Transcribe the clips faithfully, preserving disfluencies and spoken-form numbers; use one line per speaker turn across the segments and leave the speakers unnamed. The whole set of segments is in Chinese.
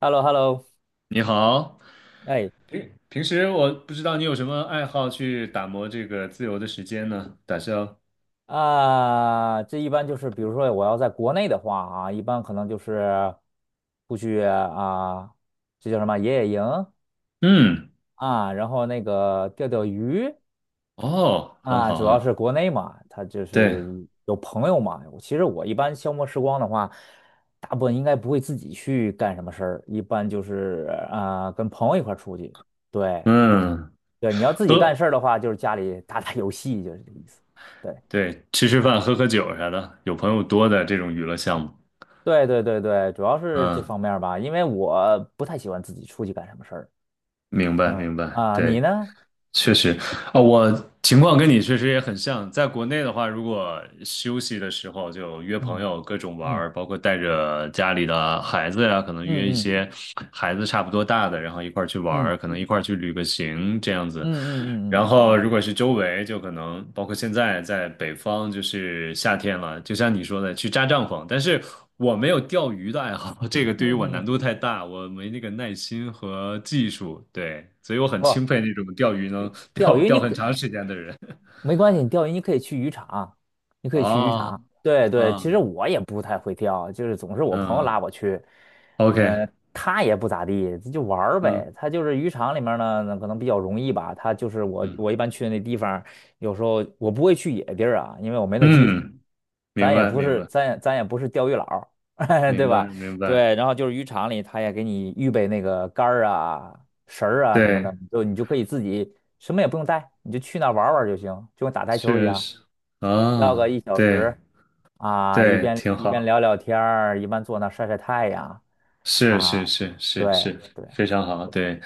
h e l l o h e l l o
你好，
哎
平平时我不知道你有什么爱好去打磨这个自由的时间呢？打消，
啊，这一般就是，比如说我要在国内的话啊，一般可能就是出去啊，这叫什么野野营
嗯，
啊，然后那个钓钓鱼
哦，很
啊，
好，
主
很
要
好，
是国内嘛，他就
对，
是有朋友嘛。其实我一般消磨时光的话，大部分应该不会自己去干什么事儿，一般就是啊跟朋友一块儿出去。对
嗯，
对，你要自己干
喝，
事儿的话，就是家里打打游戏，就是这个意思。对。
对，吃吃饭，喝喝酒啥的，有朋友多的这种娱乐项目，
对对对对，主要是这
嗯，
方面儿吧，因为我不太喜欢自己出去干什么事儿。
明白，
嗯
明白，
啊，
对，
你呢？
确实，啊、我情况跟你确实也很像。在国内的话，如果休息的时候就约朋
嗯
友各种玩
嗯
儿，包括带着家里的孩子呀、可能
嗯
约一
嗯
些孩子差不多大的，然后一块儿去玩
嗯
儿，可能一块儿去旅个行这样子。
嗯嗯嗯嗯
然后如果是周围，就可能包括现在在北方，就是夏天了，就像你说的，去扎帐篷。但是我没有钓鱼的爱好，这个
嗯
对于
嗯
我难
嗯，
度太大，我没那个耐心和技术，对，所以我很
不，
钦佩那种钓鱼能
钓
钓
鱼
钓
你
很
给
长时间的人。
没关系，你钓鱼你可以去渔场，你可以去渔
哦，
场。对对，
啊，
其实我也不太会钓，就是总是我朋友拉
嗯
我去，
，OK，
呃，他也不咋地，就玩儿
嗯
呗。他就是渔场里面呢，那可能比较容易吧。他就是我，
嗯
我一般去的那地方，有时候我不会去野地儿啊，因为我没那技术。
嗯，明
咱也
白
不
明
是，
白
咱也咱也不是钓鱼佬儿 对
明白
吧？
明白，
对，然后就是渔场里，他也给你预备那个竿儿啊、绳儿啊什么
对，
的，就你就可以自己。什么也不用带，你就去那儿玩儿玩儿就行，就跟打台球儿一
确
样，
实，
要个
啊，
一小时
对
啊，一
对，
边
挺
一边
好。
聊聊天儿，一边坐那儿晒晒太阳
是
啊，
是是是
对
是，
对，
非常好，对。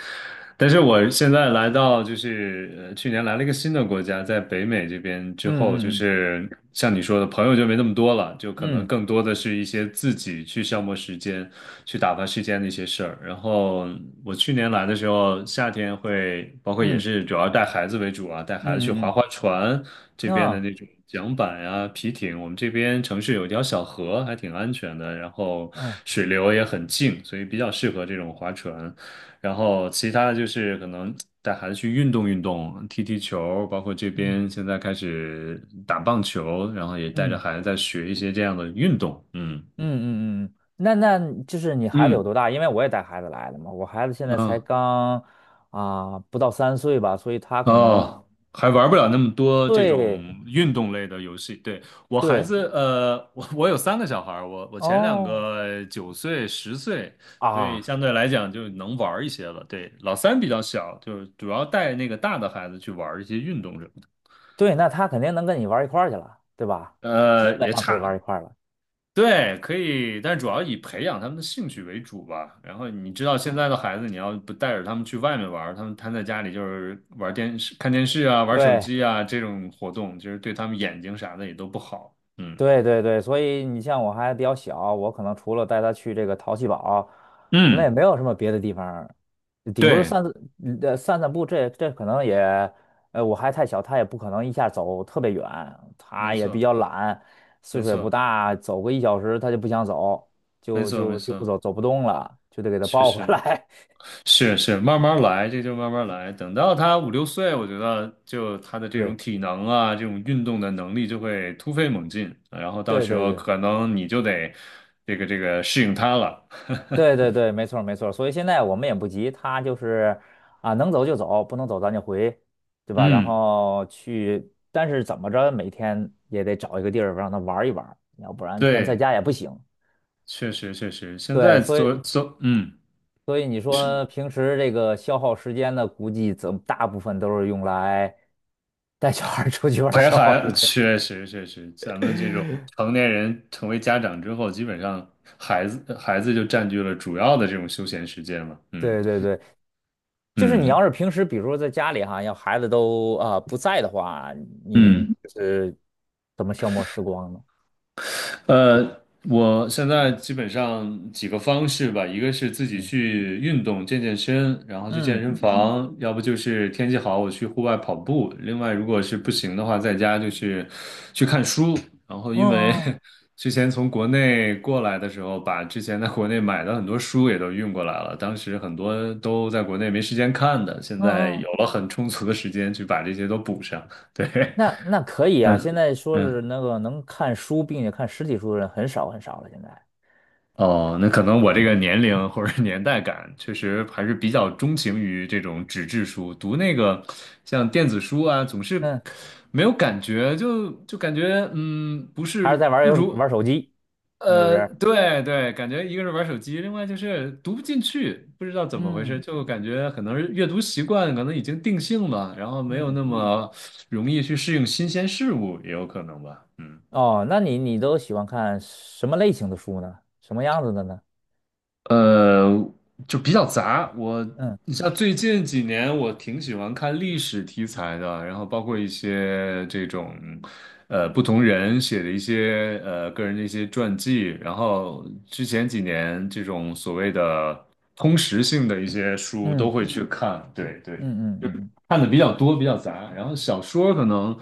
但是我现在来到就是呃，去年来了一个新的国家，在北美这边之后，就
嗯嗯
是像你说的，朋友就没那么多了，就可能
嗯
更多的是一些自己去消磨时间、去打发时间的一些事儿。然后我去年来的时候，夏天会包括也
嗯
是主要带孩子为主啊，带孩子去
嗯嗯
划
嗯
划船，这
嗯
边的
嗯
那种桨板啊、皮艇，我们这边城市有一条小河，还挺安全的，然后
嗯
水流也很静，所以比较适合这种划船。然后其他的就是可能带孩子去运动运动，踢踢球，包括这
嗯嗯
边现在开始打棒球，然后也带着
嗯
孩子在学一些这样的运动，嗯
嗯，嗯嗯那那就是你孩子有
嗯。
多大？因为我也带孩子来的嘛，我孩子现在才
啊。
刚啊不到三岁吧，所以他可能
哦，还玩不了那么多这种
对
运动类的游戏。对，我孩
对
子，呃，我我有三个小孩儿我我前两
哦。
个九岁、十岁，所以
啊，
相对来讲就能玩儿一些了。对，老三比较小，就是主要带那个大的孩子去玩儿一些运动什么的。
对，那他肯定能跟你玩儿一块儿去了，对吧？基
呃，
本
也
上可以玩儿
差，
一块儿了。
对，可以，但主要以培养他们的兴趣为主吧。然后你知道现在的孩子，你要不带着他们去外面玩儿他们瘫在家里就是玩电视、看电视啊、玩手
对，
机啊这种活动，其实对他们眼睛啥的也都不好。嗯
对，对，对，所以你像我还比较小，我可能除了带他去这个淘气堡，可能也
嗯，
没有什么别的地方顶多
对，
散呃散散步，这这可能也，呃，我还太小，他也不可能一下走特别远，
没
他也比
错，
较懒，
没
岁数也不
错，
大，走个一小时他就不想走，
没
就
错，没
就就不
错，
走，走不动了，就得给他
确
抱回
实。
来。
是是，慢慢来，这就慢慢来。等到他五六岁，我觉得就他的 这种
对，
体能啊，这种运动的能力就会突飞猛进，然后到
对，
时
对，
候
对。
可能你就得这个这个适应他了。
对对对，没错儿没错儿所以现在我们也不急，他就是啊，能走就走，不能走咱就回，对吧？然
嗯，
后去，但是怎么着，每天也得找一个地儿让他玩儿一玩儿要不然天天在
对，
家也不行。
确实确实，现在
对，所以
做做，嗯，
所以你
是
说平时这个消耗时间的，估计怎大部分都是用来带小孩儿出去玩儿
陪
消耗
孩，
时间。
确实确实，咱们这种成年人成为家长之后，基本上孩子孩子就占据了主要的这种休闲时间了。嗯
对对对，就是你
嗯
要是平时，比如说在家里哈，要孩子都啊、呃不在的话，你
嗯。
就是怎么消磨时光呢？
呃，我现在基本上几个方式吧，一个是自己
嗯
去运动健健身，然后去健
嗯
身房，嗯要不就是天气好我去户外跑步。另外，如果是不行的话，在家就是去看书。然后，
嗯
因为
嗯
之前从国内过来的时候，把之前在国内买的很多书也都运过来了，当时很多都在国内没时间看的，现
嗯
在
嗯，
有了很充足的时间去把这些都补上。对，
那那可以 啊。现
嗯
在说是
嗯。
那个能看书并且看实体书的人很少很少了，现在，
哦，那可能我这个年龄或者年代感，确实还是比较钟情于这种纸质书。读那个像电子书啊，总是
嗯，
没有感觉，就就感觉嗯，不
还是
是
在玩儿游
如
玩儿手机，是不
呃，
是？
对对，感觉一个是玩手机，另外就是读不进去，不知道怎么回事，
嗯
就感觉可能是阅读习惯可能已经定性了，然后没有
嗯，
那么容易去适应新鲜事物，也有可能吧，嗯。
哦，那你你都喜欢看什么类型的书呢？什么样子的呢？
呃，就比较杂。我，
嗯
你像最近几年，我挺喜欢看历史题材的，然后包括一些这种，呃，不同人写的一些呃个人的一些传记。然后之前几年这种所谓的通识性的一些书都
嗯
会去看。对对。
嗯嗯嗯嗯
看的比较多，比较杂。然后小说可能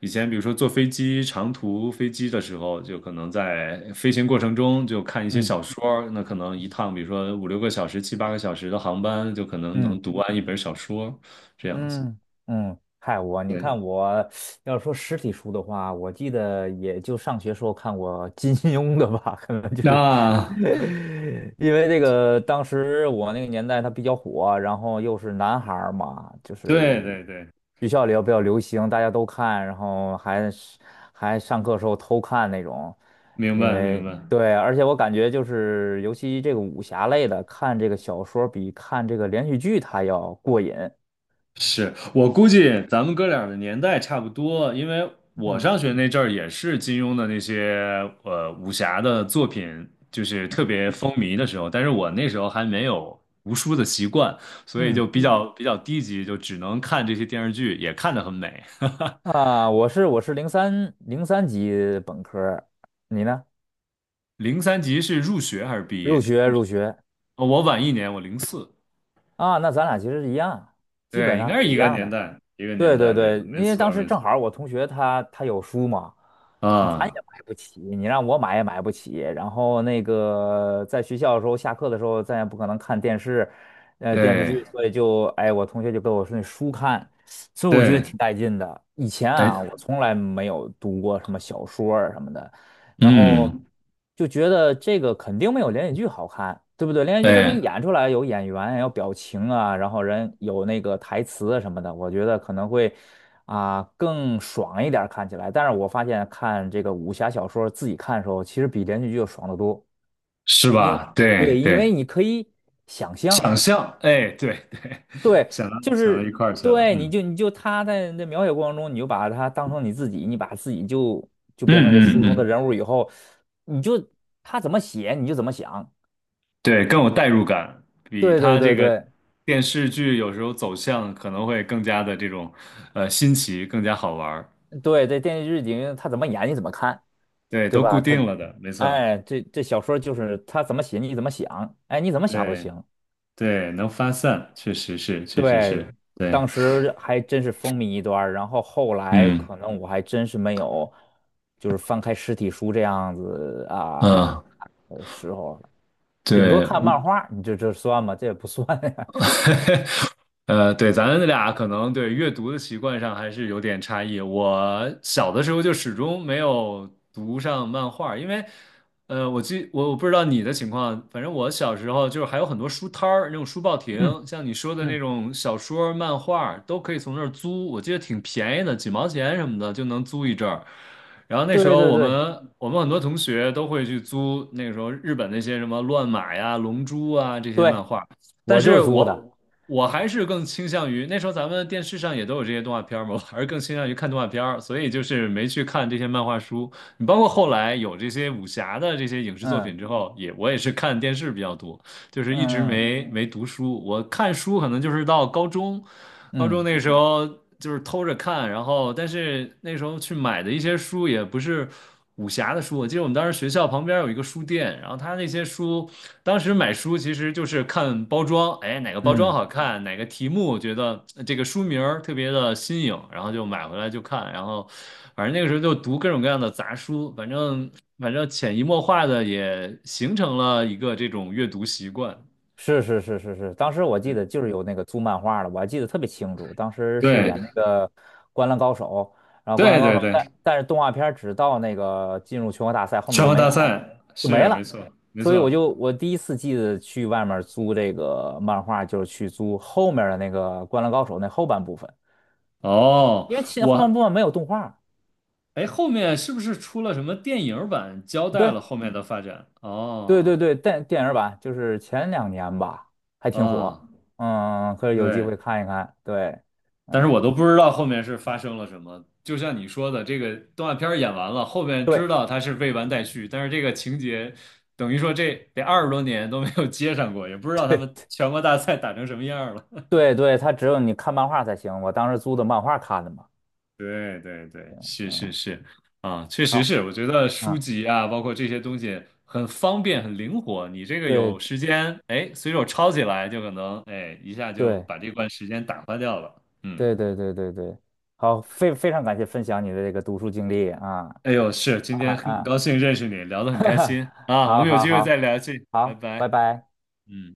以前，比如说坐飞机长途飞机的时候，就可能在飞行过程中就看一些
嗯。
小说。那可能一趟，比如说五六个小时、七八个小时的航班，就可能
嗯
能读完一本小说，这样子。
嗯嗯，嗨，我你
对，
看我要说实体书的话，我记得也就上学时候看过金庸的吧，可能就是
那
因为这个当时我那个年代它比较火，然后又是男孩儿嘛，就是
对对对，
学校里要比较流行，大家都看，然后还是还上课时候偷看那种，
明
因
白明
为
白。
对，而且我感觉就是尤其这个武侠类的，看这个小说比看这个连续剧它要过瘾。
是我估计咱们哥俩的年代差不多，因为我
嗯。
上学那阵儿也是金庸的那些呃武侠的作品，就是特
嗯
别风靡的时候，但是我那时候还没有读书的习惯，所以
嗯
就比较比较低级，就只能看这些电视剧，也看得很美。
啊，我是我是零三零三级本科儿你呢？
零三级是入学还是毕
入
业？
学入学
哦我晚一年，我零四，
啊，那咱俩其实是一样，基本
对，应
上
该是
是
一
一
个
样
年
的。
代一个年
对对
代的人，
对，
没
因为
错
当时
没
正
错
好儿我同学他他有书嘛，嗯咱也
啊，
买不起，你让我买也买不起。然后那个在学校的时候，下课的时候咱也不可能看电视，呃电视
对
剧，所以就哎我同学就给我说那书看，所以我觉得
对，
挺带劲的。以前
对，
啊，我从来没有读过什么小说啊什么的。然后
嗯，
就觉得这个肯定没有连续剧好看，对不对？连续剧它给你
对。
演出来有演员，有表情啊，然后人有那个台词啊什么的，我觉得可能会啊、更爽一点儿看起来。但是我发现看这个武侠小说自己看的时候，其实比连续剧要爽得多，
是
因为
吧？对
对，因为
对，
你可以想象。
想象，哎，对对，
对，
想到
就
想到一
是
块儿去了，
对，你
嗯
就你就他在那描写过程中，你就把他当成你自己，你把自己就就
嗯
变成这
嗯
书中的
嗯，
人物以后，你就他怎么写你就怎么想。
对，更有代入感，比
对对
他这
对
个
对
电视剧有时候走向可能会更加的这种呃新奇，更加好玩儿。
对，这电视剧里面他怎么演你怎么看，
对，
对
都固
吧？他，
定了的，没错。
哎，这这小说就是他怎么写你怎么想，哎，你怎么想都
对
行。
对，能发散，确实是，确实
对，
是，对，
当时还真是风靡一段儿然后后来
嗯
可能我还真是没有，就是翻开实体书这样子啊，
嗯，
的时候了，顶多
对，
看漫画，你这这算吗？这也不算呀。
呃，对，咱俩可能对阅读的习惯上还是有点差异。我小的时候就始终没有读上漫画，因为，呃，我记我我不知道你的情况，反正我小时候就是还有很多书摊儿，那种书报
嗯
亭，像你说的那
嗯，
种小说、漫画都可以从那儿租，我记得挺便宜的，几毛钱什么的就能租一阵儿。然后那时
对
候
对
我
对
们我们很多同学都会去租那个时候日本那些什么乱马呀、龙珠啊这些漫
对，
画。但
我就
是
是租的。
我我还是更倾向于那时候咱们电视上也都有这些动画片儿嘛，我还是更倾向于看动画片儿，所以就是没去看这些漫画书。你包括后来有这些武侠的这些影视作品
嗯
之后，也我也是看电视比较多，就是一直
嗯
没没读书。我看书可能就是到高中，高中
嗯
那时候就是偷着看，然后但是那时候去买的一些书也不是。武侠的书，我记得我们当时学校旁边有一个书店，然后他那些书当时买书其实就是看包装，哎，哪个包装
嗯，
好看，哪个题目觉得呃这个书名儿特别的新颖，然后就买回来就看，然后反正那个时候就读各种各样的杂书，反正反正潜移默化的也形成了一个这种阅读习惯。
是是是是是，当时我记得就是有那个租漫画的，我还记得特别清楚。当时是演
对
那个《灌篮高手》，然后《灌
对
篮高
对
手》，
对，
但但是动画片儿只到那个进入全国大赛，后面
全
就
国
没
大
有，
赛
就没
是没
了。
错没
所以
错。
我就我第一次记得去外面租这个漫画，就是去租后面的那个《灌篮高手》那后半部分。
哦，
因为前后半部
我
分没有动画。
哎，后面是不是出了什么电影版，交代了
对
后面的发展？
对对
哦
对，电电影版就是前两年吧，还挺
啊，
火。嗯，可以有机
对，
会看一看。对，
但是
嗯，
我都不知道后面是发生了什么。就像你说的，这个动画片儿演完了，后面
对
知道它是未完待续，但是这个情节等于说这得二十多年都没有接上过，也不知道他们全国大赛打成什么样了。
对对，它只有你看漫画才行。我当时租的漫画看的嘛。
对对对，是
嗯，
是是，啊，确实
好，
是，我觉得书
嗯，
籍啊，包括这些东西很方便、很灵活，你这个有
对
时间，哎，随手抄起来就可能，哎，一下就
对
把这段时间打发掉了。嗯
对对对对对，好，非非常感谢分享你的这个读书经历啊
哎呦，是，今
啊
天很高
啊，
兴认识你，聊 得很
哈
开
哈，
心啊，我
好
们有
好
机会再
好
聊去，拜
好，拜
拜。
拜。
嗯。